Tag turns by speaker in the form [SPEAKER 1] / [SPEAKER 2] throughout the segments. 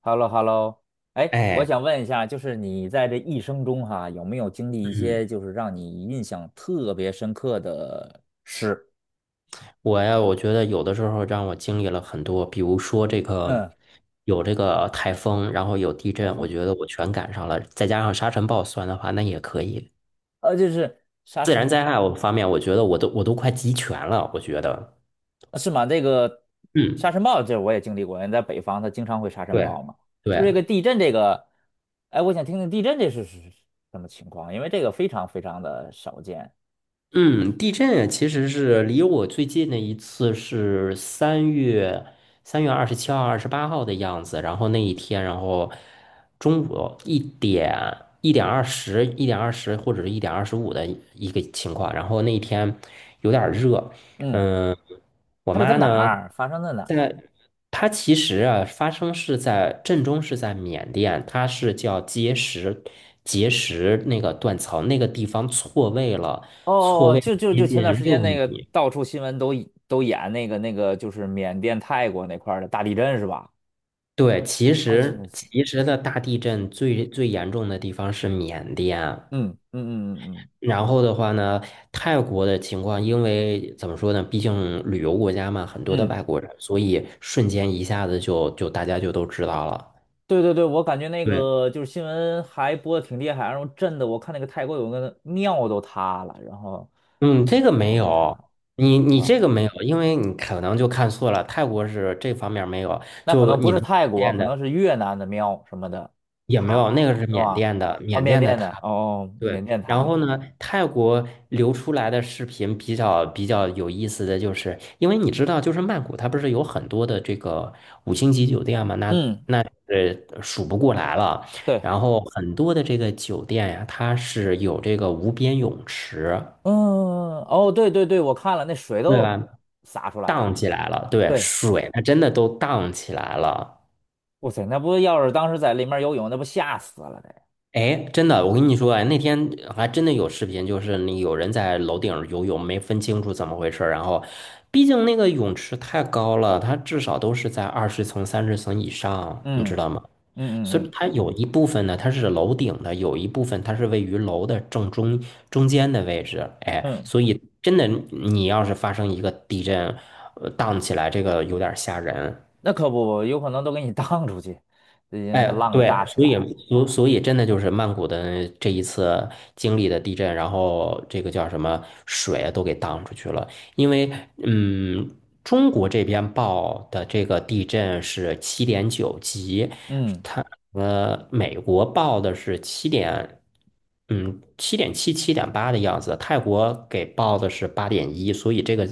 [SPEAKER 1] h e l l o h e l l o 哎，我
[SPEAKER 2] 哎，
[SPEAKER 1] 想问一下，就是你在这一生中哈，有没有经历一
[SPEAKER 2] 嗯，
[SPEAKER 1] 些就是让你印象特别深刻的事？
[SPEAKER 2] 我呀，我觉得有的时候让我经历了很多，比如说这个
[SPEAKER 1] 嗯，
[SPEAKER 2] 有这个台风，然后有地
[SPEAKER 1] 台
[SPEAKER 2] 震，我
[SPEAKER 1] 风，
[SPEAKER 2] 觉得我全赶上了，再加上沙尘暴算的话，那也可以。
[SPEAKER 1] 就是沙
[SPEAKER 2] 自然
[SPEAKER 1] 尘，
[SPEAKER 2] 灾害我方面，我觉得我都快集全了，我觉得，
[SPEAKER 1] 是吗？这个沙
[SPEAKER 2] 嗯，
[SPEAKER 1] 尘暴，这我也经历过，因为在北方它经常会沙尘
[SPEAKER 2] 对
[SPEAKER 1] 暴嘛。就是
[SPEAKER 2] 对，
[SPEAKER 1] 这个地震，这个，哎，我想听听地震这是什么情况，因为这个非常非常的少见。
[SPEAKER 2] 嗯，地震啊其实是离我最近的一次是三月二十七号、二十八号的样子。然后那一天，然后中午一点二十、一点二十或者是1:25的一个情况。然后那一天有点儿热，
[SPEAKER 1] 嗯，
[SPEAKER 2] 嗯，我
[SPEAKER 1] 它是在
[SPEAKER 2] 妈
[SPEAKER 1] 哪
[SPEAKER 2] 呢，
[SPEAKER 1] 儿发生在哪。
[SPEAKER 2] 在她其实啊，发生是在震中是在缅甸，它是叫结石那个断层那个地方错位了。
[SPEAKER 1] 哦哦哦，
[SPEAKER 2] 位
[SPEAKER 1] 就就
[SPEAKER 2] 接
[SPEAKER 1] 就前段
[SPEAKER 2] 近
[SPEAKER 1] 时间
[SPEAKER 2] 六
[SPEAKER 1] 那个
[SPEAKER 2] 米。
[SPEAKER 1] 到处新闻都演那个就是缅甸泰国那块儿的大地震是吧？
[SPEAKER 2] 对，其
[SPEAKER 1] 哦，就
[SPEAKER 2] 实
[SPEAKER 1] 那次，
[SPEAKER 2] 其实的大地震最严重的地方是缅甸，
[SPEAKER 1] 嗯嗯嗯嗯
[SPEAKER 2] 然后的话呢，泰国的情况，因为怎么说呢，毕竟旅游国家嘛，很多的
[SPEAKER 1] 嗯嗯，
[SPEAKER 2] 外国人，所以瞬间一下子就大家就都知道了。
[SPEAKER 1] 对对对，我感觉那
[SPEAKER 2] 对，
[SPEAKER 1] 个就是新闻还播的挺厉害，然后震的我看那个泰国有个庙都塌了，然后
[SPEAKER 2] 嗯，
[SPEAKER 1] 那
[SPEAKER 2] 这个没
[SPEAKER 1] 房子也塌
[SPEAKER 2] 有，
[SPEAKER 1] 了，
[SPEAKER 2] 你
[SPEAKER 1] 是
[SPEAKER 2] 你
[SPEAKER 1] 吧？
[SPEAKER 2] 这个没有，因为你可能就看错了，泰国是这方面没有，
[SPEAKER 1] 那可
[SPEAKER 2] 就
[SPEAKER 1] 能不
[SPEAKER 2] 你
[SPEAKER 1] 是
[SPEAKER 2] 能
[SPEAKER 1] 泰国，可能是越南的庙什么的
[SPEAKER 2] 也没有，那
[SPEAKER 1] 塌，
[SPEAKER 2] 个是
[SPEAKER 1] 是
[SPEAKER 2] 缅
[SPEAKER 1] 吧？
[SPEAKER 2] 甸的，
[SPEAKER 1] 哦，
[SPEAKER 2] 缅
[SPEAKER 1] 缅
[SPEAKER 2] 甸的
[SPEAKER 1] 甸的，
[SPEAKER 2] 它
[SPEAKER 1] 哦哦，
[SPEAKER 2] 对，
[SPEAKER 1] 缅甸
[SPEAKER 2] 然
[SPEAKER 1] 塌了，
[SPEAKER 2] 后呢，泰国流出来的视频比较有意思的就是，因为你知道，就是曼谷它不是有很多的这个五星级酒店嘛，那
[SPEAKER 1] 嗯，
[SPEAKER 2] 那数不过来了。
[SPEAKER 1] 对。
[SPEAKER 2] 然后很多的这个酒店呀，它是有这个无边泳池，
[SPEAKER 1] 嗯，哦，对对对，我看了，那水
[SPEAKER 2] 对吧？
[SPEAKER 1] 都洒出来了。
[SPEAKER 2] 荡起来了，对，
[SPEAKER 1] 对，
[SPEAKER 2] 水它真的都荡起来了。
[SPEAKER 1] 哇塞，那不要是当时在里面游泳，那不吓死了得。
[SPEAKER 2] 哎，真的，我跟你说，哎，那天还真的有视频，就是那有人在楼顶儿游泳，没分清楚怎么回事儿。然后，毕竟那个泳池太高了，它至少都是在20层、30层以上，你
[SPEAKER 1] 嗯
[SPEAKER 2] 知道吗？
[SPEAKER 1] 嗯
[SPEAKER 2] 所
[SPEAKER 1] 嗯
[SPEAKER 2] 以
[SPEAKER 1] 嗯
[SPEAKER 2] 它有一部分呢，它是楼顶的，有一部分它是位于楼的中间的位置。哎，
[SPEAKER 1] 嗯，
[SPEAKER 2] 所以真的，你要是发生一个地震，荡起来，这个有点儿吓人。
[SPEAKER 1] 那可不，有可能都给你 荡出去，最近
[SPEAKER 2] 哎，
[SPEAKER 1] 那浪
[SPEAKER 2] 对，
[SPEAKER 1] 大起
[SPEAKER 2] 所以
[SPEAKER 1] 来。
[SPEAKER 2] 所所以真的就是曼谷的这一次经历的地震，然后这个叫什么水都给荡出去了，因为嗯，中国这边报的这个地震是7.9级，
[SPEAKER 1] 嗯，
[SPEAKER 2] 它美国报的是七点七、七点八的样子，泰国给报的是8.1，所以这个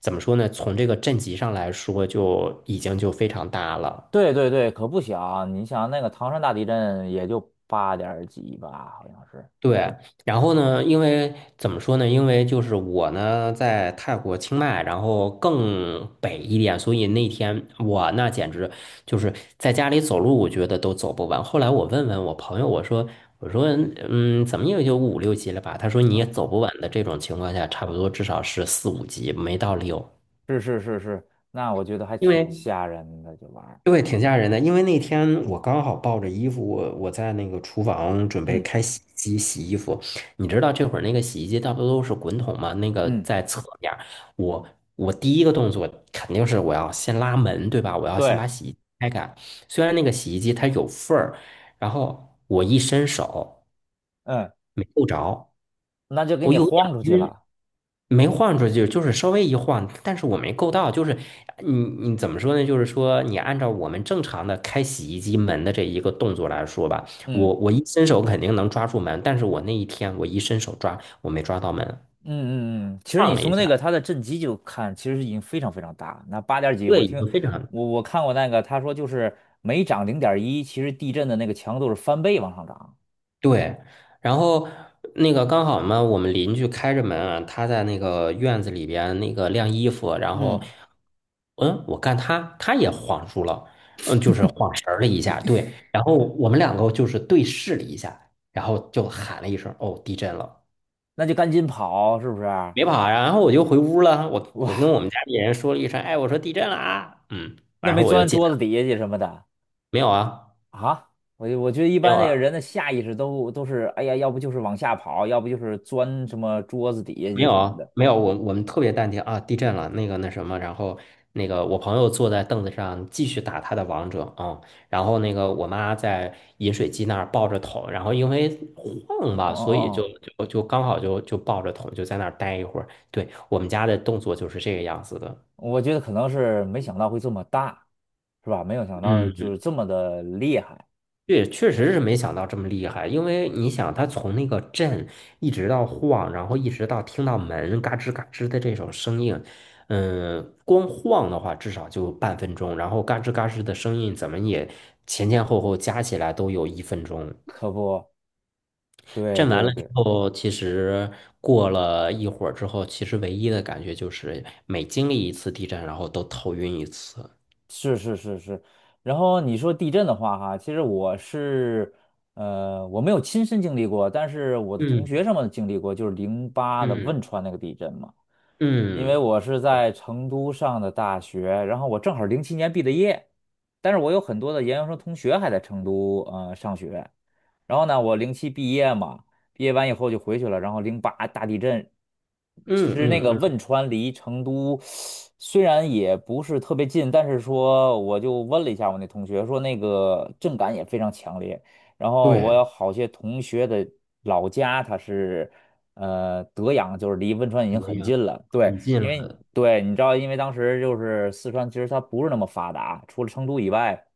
[SPEAKER 2] 怎么说呢？从这个震级上来说，就已经就非常大了。
[SPEAKER 1] 对对对，可不小。你想那个唐山大地震也就八点几吧，好像是。
[SPEAKER 2] 对，然后呢，因为怎么说呢？因为就是我呢在泰国清迈，然后更北一点，所以那天我那简直就是在家里走路，我觉得都走不完。后来我问问我朋友，我说怎么也就5、6级了吧？他说你也
[SPEAKER 1] 嗯，
[SPEAKER 2] 走不完的这种情况下，差不多至少是4、5级，没到六。
[SPEAKER 1] 是是是是，那我觉得还
[SPEAKER 2] 因
[SPEAKER 1] 挺
[SPEAKER 2] 为
[SPEAKER 1] 吓人的，这玩意儿。
[SPEAKER 2] 对，挺吓人的，因为那天我刚好抱着衣服，我在那个厨房准备
[SPEAKER 1] 嗯
[SPEAKER 2] 开洗衣机洗衣服。你知道这会儿那个洗衣机大多都是滚筒嘛？那个
[SPEAKER 1] 嗯，
[SPEAKER 2] 在侧面儿我我第一个动作肯定是我要先拉门，对吧？我要先
[SPEAKER 1] 对，
[SPEAKER 2] 把洗衣机开开。虽然那个洗衣机它有缝儿，然后我一伸手
[SPEAKER 1] 嗯，
[SPEAKER 2] 没够着，
[SPEAKER 1] 那就给
[SPEAKER 2] 我
[SPEAKER 1] 你
[SPEAKER 2] 有点
[SPEAKER 1] 晃出去了。
[SPEAKER 2] 没晃出去，就是稍微一晃，但是我没够到，就是你你怎么说呢？就是说你按照我们正常的开洗衣机门的这一个动作来说吧，
[SPEAKER 1] 嗯。
[SPEAKER 2] 我一伸手肯定能抓住门，但是我那一天我一伸手抓，我没抓到门，
[SPEAKER 1] 嗯嗯嗯，其实
[SPEAKER 2] 晃
[SPEAKER 1] 你
[SPEAKER 2] 了一
[SPEAKER 1] 从那
[SPEAKER 2] 下，
[SPEAKER 1] 个它的震级就看，其实已经非常非常大。那八点儿几，我
[SPEAKER 2] 对，已
[SPEAKER 1] 听
[SPEAKER 2] 经非常
[SPEAKER 1] 我看过那个，他说就是每涨零点一，其实地震的那个强度是翻倍往上涨，
[SPEAKER 2] 对，然后那个刚好嘛，我们邻居开着门啊，他在那个院子里边那个晾衣服，然后，
[SPEAKER 1] 嗯，
[SPEAKER 2] 我看他也晃住了，就是晃神儿了一下，对，然后我们两个就是对视了一下，然后就喊了一声，哦，地震了，
[SPEAKER 1] 那就赶紧跑，是不是啊？
[SPEAKER 2] 别跑啊，然后我就回屋了，我
[SPEAKER 1] 哇，
[SPEAKER 2] 我跟我们家里人说了一声，哎，我说地震了啊，
[SPEAKER 1] 那
[SPEAKER 2] 然
[SPEAKER 1] 没
[SPEAKER 2] 后我就
[SPEAKER 1] 钻
[SPEAKER 2] 进
[SPEAKER 1] 桌
[SPEAKER 2] 来
[SPEAKER 1] 子
[SPEAKER 2] 了，
[SPEAKER 1] 底下去什么的
[SPEAKER 2] 没有啊，
[SPEAKER 1] 啊？我就我觉得一
[SPEAKER 2] 没
[SPEAKER 1] 般
[SPEAKER 2] 有
[SPEAKER 1] 那个
[SPEAKER 2] 啊。
[SPEAKER 1] 人的下意识都是，哎呀，要不就是往下跑，要不就是钻什么桌子底下
[SPEAKER 2] 没
[SPEAKER 1] 去
[SPEAKER 2] 有
[SPEAKER 1] 什么
[SPEAKER 2] 啊，
[SPEAKER 1] 的。
[SPEAKER 2] 没有，我们特别淡定啊，地震了，那个那什么，然后那个我朋友坐在凳子上继续打他的王者啊，然后那个我妈在饮水机那儿抱着桶，然后因为晃
[SPEAKER 1] 哦
[SPEAKER 2] 吧，所以就
[SPEAKER 1] 哦
[SPEAKER 2] 就就刚好就抱着桶就在那儿待一会儿。对，我们家的动作就是这个样子的，
[SPEAKER 1] 哦，我觉得可能是没想到会这么大，是吧？没有想到就
[SPEAKER 2] 嗯。
[SPEAKER 1] 是这么的厉害。
[SPEAKER 2] 对，确实是没想到这么厉害，因为你想，他从那个震一直到晃，然后一直到听到门嘎吱嘎吱的这种声音，光晃的话至少就半分钟，然后嘎吱嘎吱的声音怎么也前前后后加起来都有1分钟。
[SPEAKER 1] 可不，对
[SPEAKER 2] 震完
[SPEAKER 1] 对
[SPEAKER 2] 了之
[SPEAKER 1] 对，
[SPEAKER 2] 后，其实过了一会儿之后，其实唯一的感觉就是每经历一次地震，然后都头晕一次。
[SPEAKER 1] 是是是是。然后你说地震的话，哈，其实我是，我没有亲身经历过，但是我的同学
[SPEAKER 2] 嗯
[SPEAKER 1] 什么的经历过，就是零八的
[SPEAKER 2] 嗯
[SPEAKER 1] 汶川那个地震嘛。因为
[SPEAKER 2] 嗯
[SPEAKER 1] 我是在成都上的大学，然后我正好零七年毕的业，但是我有很多的研究生同学还在成都上学。然后呢，我零七毕业嘛，毕业完以后就回去了。然后零八大地震，其
[SPEAKER 2] 嗯
[SPEAKER 1] 实那
[SPEAKER 2] 嗯
[SPEAKER 1] 个
[SPEAKER 2] 嗯，
[SPEAKER 1] 汶川离成都虽然也不是特别近，但是说我就问了一下我那同学，说那个震感也非常强烈。然后我
[SPEAKER 2] 对，
[SPEAKER 1] 有好些同学的老家，他是德阳，就是离汶川已
[SPEAKER 2] 怎
[SPEAKER 1] 经
[SPEAKER 2] 么
[SPEAKER 1] 很
[SPEAKER 2] 样？
[SPEAKER 1] 近了。对，
[SPEAKER 2] 很近
[SPEAKER 1] 因为
[SPEAKER 2] 了。
[SPEAKER 1] 对你知道，因为当时就是四川，其实它不是那么发达，除了成都以外。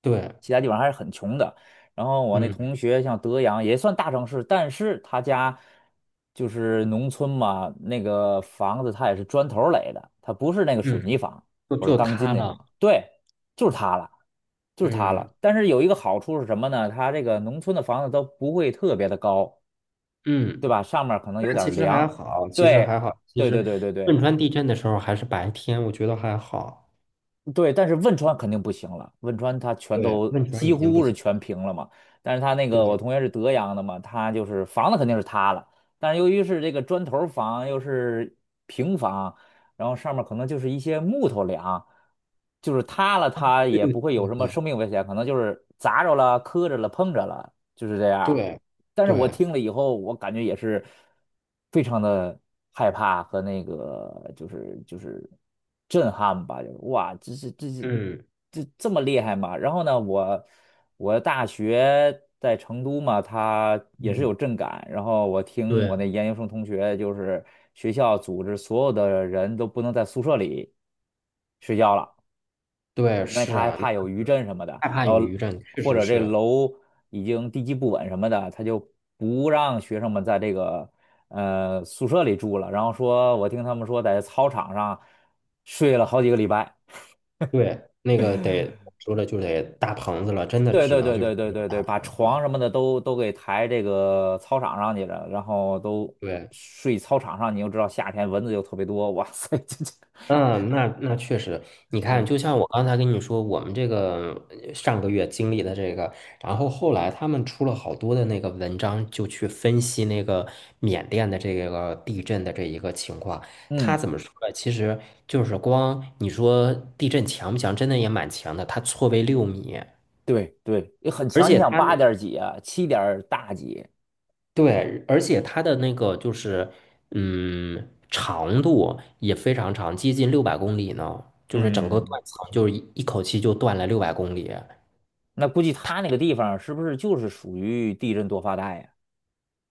[SPEAKER 2] 对，
[SPEAKER 1] 其他地方还是很穷的。然后我那
[SPEAKER 2] 嗯
[SPEAKER 1] 同学像德阳也算大城市，但是他家就是农村嘛，那个房子他也是砖头儿垒的，他不是那个
[SPEAKER 2] 嗯，
[SPEAKER 1] 水泥房
[SPEAKER 2] 就
[SPEAKER 1] 或者
[SPEAKER 2] 就
[SPEAKER 1] 钢筋
[SPEAKER 2] 他
[SPEAKER 1] 那种。
[SPEAKER 2] 了，
[SPEAKER 1] 对，就是塌了，就是塌
[SPEAKER 2] 嗯
[SPEAKER 1] 了。但是有一个好处是什么呢？他这个农村的房子都不会特别的高，对
[SPEAKER 2] 嗯，
[SPEAKER 1] 吧？上面儿可能有
[SPEAKER 2] 那
[SPEAKER 1] 点
[SPEAKER 2] 其
[SPEAKER 1] 儿
[SPEAKER 2] 实还
[SPEAKER 1] 凉。
[SPEAKER 2] 好，其实
[SPEAKER 1] 对，
[SPEAKER 2] 还好，其
[SPEAKER 1] 对
[SPEAKER 2] 实
[SPEAKER 1] 对对对对。
[SPEAKER 2] 汶川地震的时候还是白天，我觉得还好。
[SPEAKER 1] 对，但是汶川肯定不行了，汶川它全
[SPEAKER 2] 对，
[SPEAKER 1] 都
[SPEAKER 2] 汶川
[SPEAKER 1] 几
[SPEAKER 2] 已经不
[SPEAKER 1] 乎是
[SPEAKER 2] 行。
[SPEAKER 1] 全平了嘛。但是它那
[SPEAKER 2] 对
[SPEAKER 1] 个我
[SPEAKER 2] 对
[SPEAKER 1] 同学是德阳的嘛，他就是房子肯定是塌了，但是由于是这个砖头房又是平房，然后上面可能就是一些木头梁，就是塌了它
[SPEAKER 2] 对
[SPEAKER 1] 也不会有
[SPEAKER 2] 对
[SPEAKER 1] 什么
[SPEAKER 2] 对
[SPEAKER 1] 生命危险，可能就是砸着了、磕着了、碰着了，就是这样。
[SPEAKER 2] 对
[SPEAKER 1] 但是我
[SPEAKER 2] 对，
[SPEAKER 1] 听了以后，我感觉也是非常的害怕和那个就是震撼吧，就是哇，这是这是
[SPEAKER 2] 嗯
[SPEAKER 1] 这这么厉害吗？然后呢，我大学在成都嘛，它也是
[SPEAKER 2] 嗯，
[SPEAKER 1] 有震感，然后我听我
[SPEAKER 2] 对
[SPEAKER 1] 那研究生同学就是学校组织所有的人都不能在宿舍里睡觉了。
[SPEAKER 2] 对
[SPEAKER 1] 因为他
[SPEAKER 2] 是
[SPEAKER 1] 还
[SPEAKER 2] 啊，那
[SPEAKER 1] 怕有余
[SPEAKER 2] 个
[SPEAKER 1] 震什么的，
[SPEAKER 2] 害怕
[SPEAKER 1] 然
[SPEAKER 2] 有
[SPEAKER 1] 后
[SPEAKER 2] 余震，确
[SPEAKER 1] 或
[SPEAKER 2] 实
[SPEAKER 1] 者这
[SPEAKER 2] 是。
[SPEAKER 1] 楼已经地基不稳什么的，他就不让学生们在这个宿舍里住了，然后说我听他们说在操场上睡了好几个礼拜，
[SPEAKER 2] 对，那个得说了就得搭棚子了，真的
[SPEAKER 1] 对
[SPEAKER 2] 只
[SPEAKER 1] 对
[SPEAKER 2] 能
[SPEAKER 1] 对
[SPEAKER 2] 就是
[SPEAKER 1] 对
[SPEAKER 2] 那
[SPEAKER 1] 对
[SPEAKER 2] 种
[SPEAKER 1] 对
[SPEAKER 2] 搭
[SPEAKER 1] 对，把
[SPEAKER 2] 棚子
[SPEAKER 1] 床
[SPEAKER 2] 了。
[SPEAKER 1] 什么的都给抬这个操场上去了，然后都
[SPEAKER 2] 对。
[SPEAKER 1] 睡操场上，你又知道夏天蚊子又特别多，哇塞，这这，
[SPEAKER 2] 嗯，那确实，你看，
[SPEAKER 1] 对，
[SPEAKER 2] 就像我刚才跟你说，我们这个上个月经历的这个，然后后来他们出了好多的那个文章，就去分析那个缅甸的这个地震的这一个情况。他
[SPEAKER 1] 嗯，
[SPEAKER 2] 怎么说呢？其实就是光你说地震强不强，真的也蛮强的，它错位六米，
[SPEAKER 1] 对对，也很
[SPEAKER 2] 而
[SPEAKER 1] 强，你
[SPEAKER 2] 且
[SPEAKER 1] 想
[SPEAKER 2] 它那
[SPEAKER 1] 八点儿几啊，七点儿大几，
[SPEAKER 2] 对，而且它的那个就是，长度也非常长，接近六百公里呢。就是整个
[SPEAKER 1] 嗯。
[SPEAKER 2] 断层，就是一口气就断了六百公里。
[SPEAKER 1] 那估计他那个地方是不是就是属于地震多发带呀？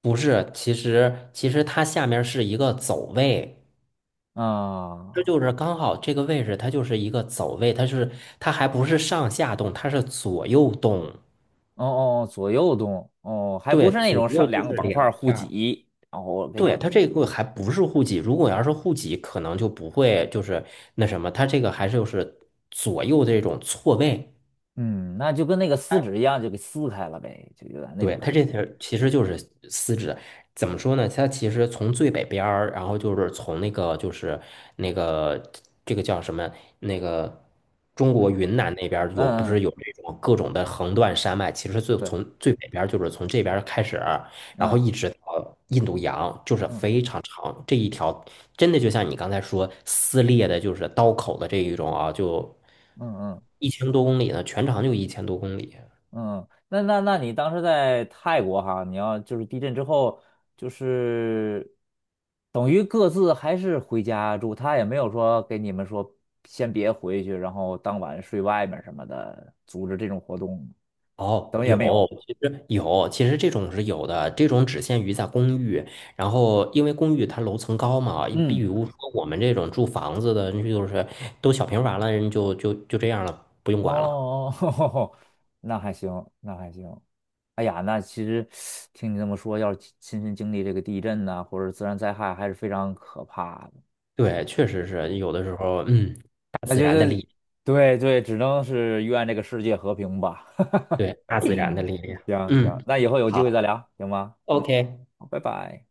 [SPEAKER 2] 不是，其实它下面是一个走位，
[SPEAKER 1] 啊，
[SPEAKER 2] 这
[SPEAKER 1] 哦
[SPEAKER 2] 就是刚好这个位置，它就是一个走位，它还不是上下动，它是左右动。
[SPEAKER 1] 哦，哦左右动，哦，还不
[SPEAKER 2] 对，
[SPEAKER 1] 是那
[SPEAKER 2] 左
[SPEAKER 1] 种
[SPEAKER 2] 右
[SPEAKER 1] 上
[SPEAKER 2] 就
[SPEAKER 1] 两个
[SPEAKER 2] 是
[SPEAKER 1] 板块
[SPEAKER 2] 两
[SPEAKER 1] 互
[SPEAKER 2] 片。
[SPEAKER 1] 挤，然后给，
[SPEAKER 2] 对，它这个还不是户籍，如果要是户籍，可能就不会就是那什么，它这个还是就是左右这种错位。
[SPEAKER 1] 嗯，那就跟那个撕纸一样，就给撕开了呗，就有点那种
[SPEAKER 2] 对，它
[SPEAKER 1] 感
[SPEAKER 2] 这
[SPEAKER 1] 觉。
[SPEAKER 2] 条其实就是丝质，怎么说呢？它其实从最北边儿，然后就是从那个就是那个这个叫什么那个中
[SPEAKER 1] 嗯
[SPEAKER 2] 国云南那边儿有不
[SPEAKER 1] 嗯
[SPEAKER 2] 是
[SPEAKER 1] 嗯，
[SPEAKER 2] 有这种各种的横断山脉？其实
[SPEAKER 1] 对，
[SPEAKER 2] 从最北边儿就是从这边儿开始，然后
[SPEAKER 1] 嗯
[SPEAKER 2] 一直到印度洋，就是
[SPEAKER 1] 嗯
[SPEAKER 2] 非常长这一条，真的就像你刚才说撕裂的，就是刀口的这一种啊，就
[SPEAKER 1] 嗯嗯嗯
[SPEAKER 2] 一千多公里呢，全长就一千多公里。
[SPEAKER 1] 嗯，那你当时在泰国哈，你要就是地震之后，就是等于各自还是回家住，他也没有说给你们说先别回去，然后当晚睡外面什么的，组织这种活动，
[SPEAKER 2] 哦，
[SPEAKER 1] 等于也
[SPEAKER 2] 有，
[SPEAKER 1] 没有。
[SPEAKER 2] 其实有，其实这种是有的，这种只限于在公寓。然后，因为公寓它楼层高嘛，比
[SPEAKER 1] 嗯，
[SPEAKER 2] 如说我们这种住房子的，就是都小平房了，人就这样了，不用管了。
[SPEAKER 1] 哦，哦那还行，那还行。哎呀，那其实听你这么说，要是亲身经历这个地震呐、或者自然灾害，还是非常可怕的。
[SPEAKER 2] 对，确实是有的时候，大
[SPEAKER 1] 那
[SPEAKER 2] 自
[SPEAKER 1] 就
[SPEAKER 2] 然的
[SPEAKER 1] 是
[SPEAKER 2] 力，
[SPEAKER 1] 对对，只能是愿这个世界和平吧。
[SPEAKER 2] 对，大自然的力量。
[SPEAKER 1] 行行，
[SPEAKER 2] 嗯，
[SPEAKER 1] 那以后有机会再
[SPEAKER 2] 好
[SPEAKER 1] 聊，行吗？
[SPEAKER 2] ，OK。
[SPEAKER 1] 好，拜拜。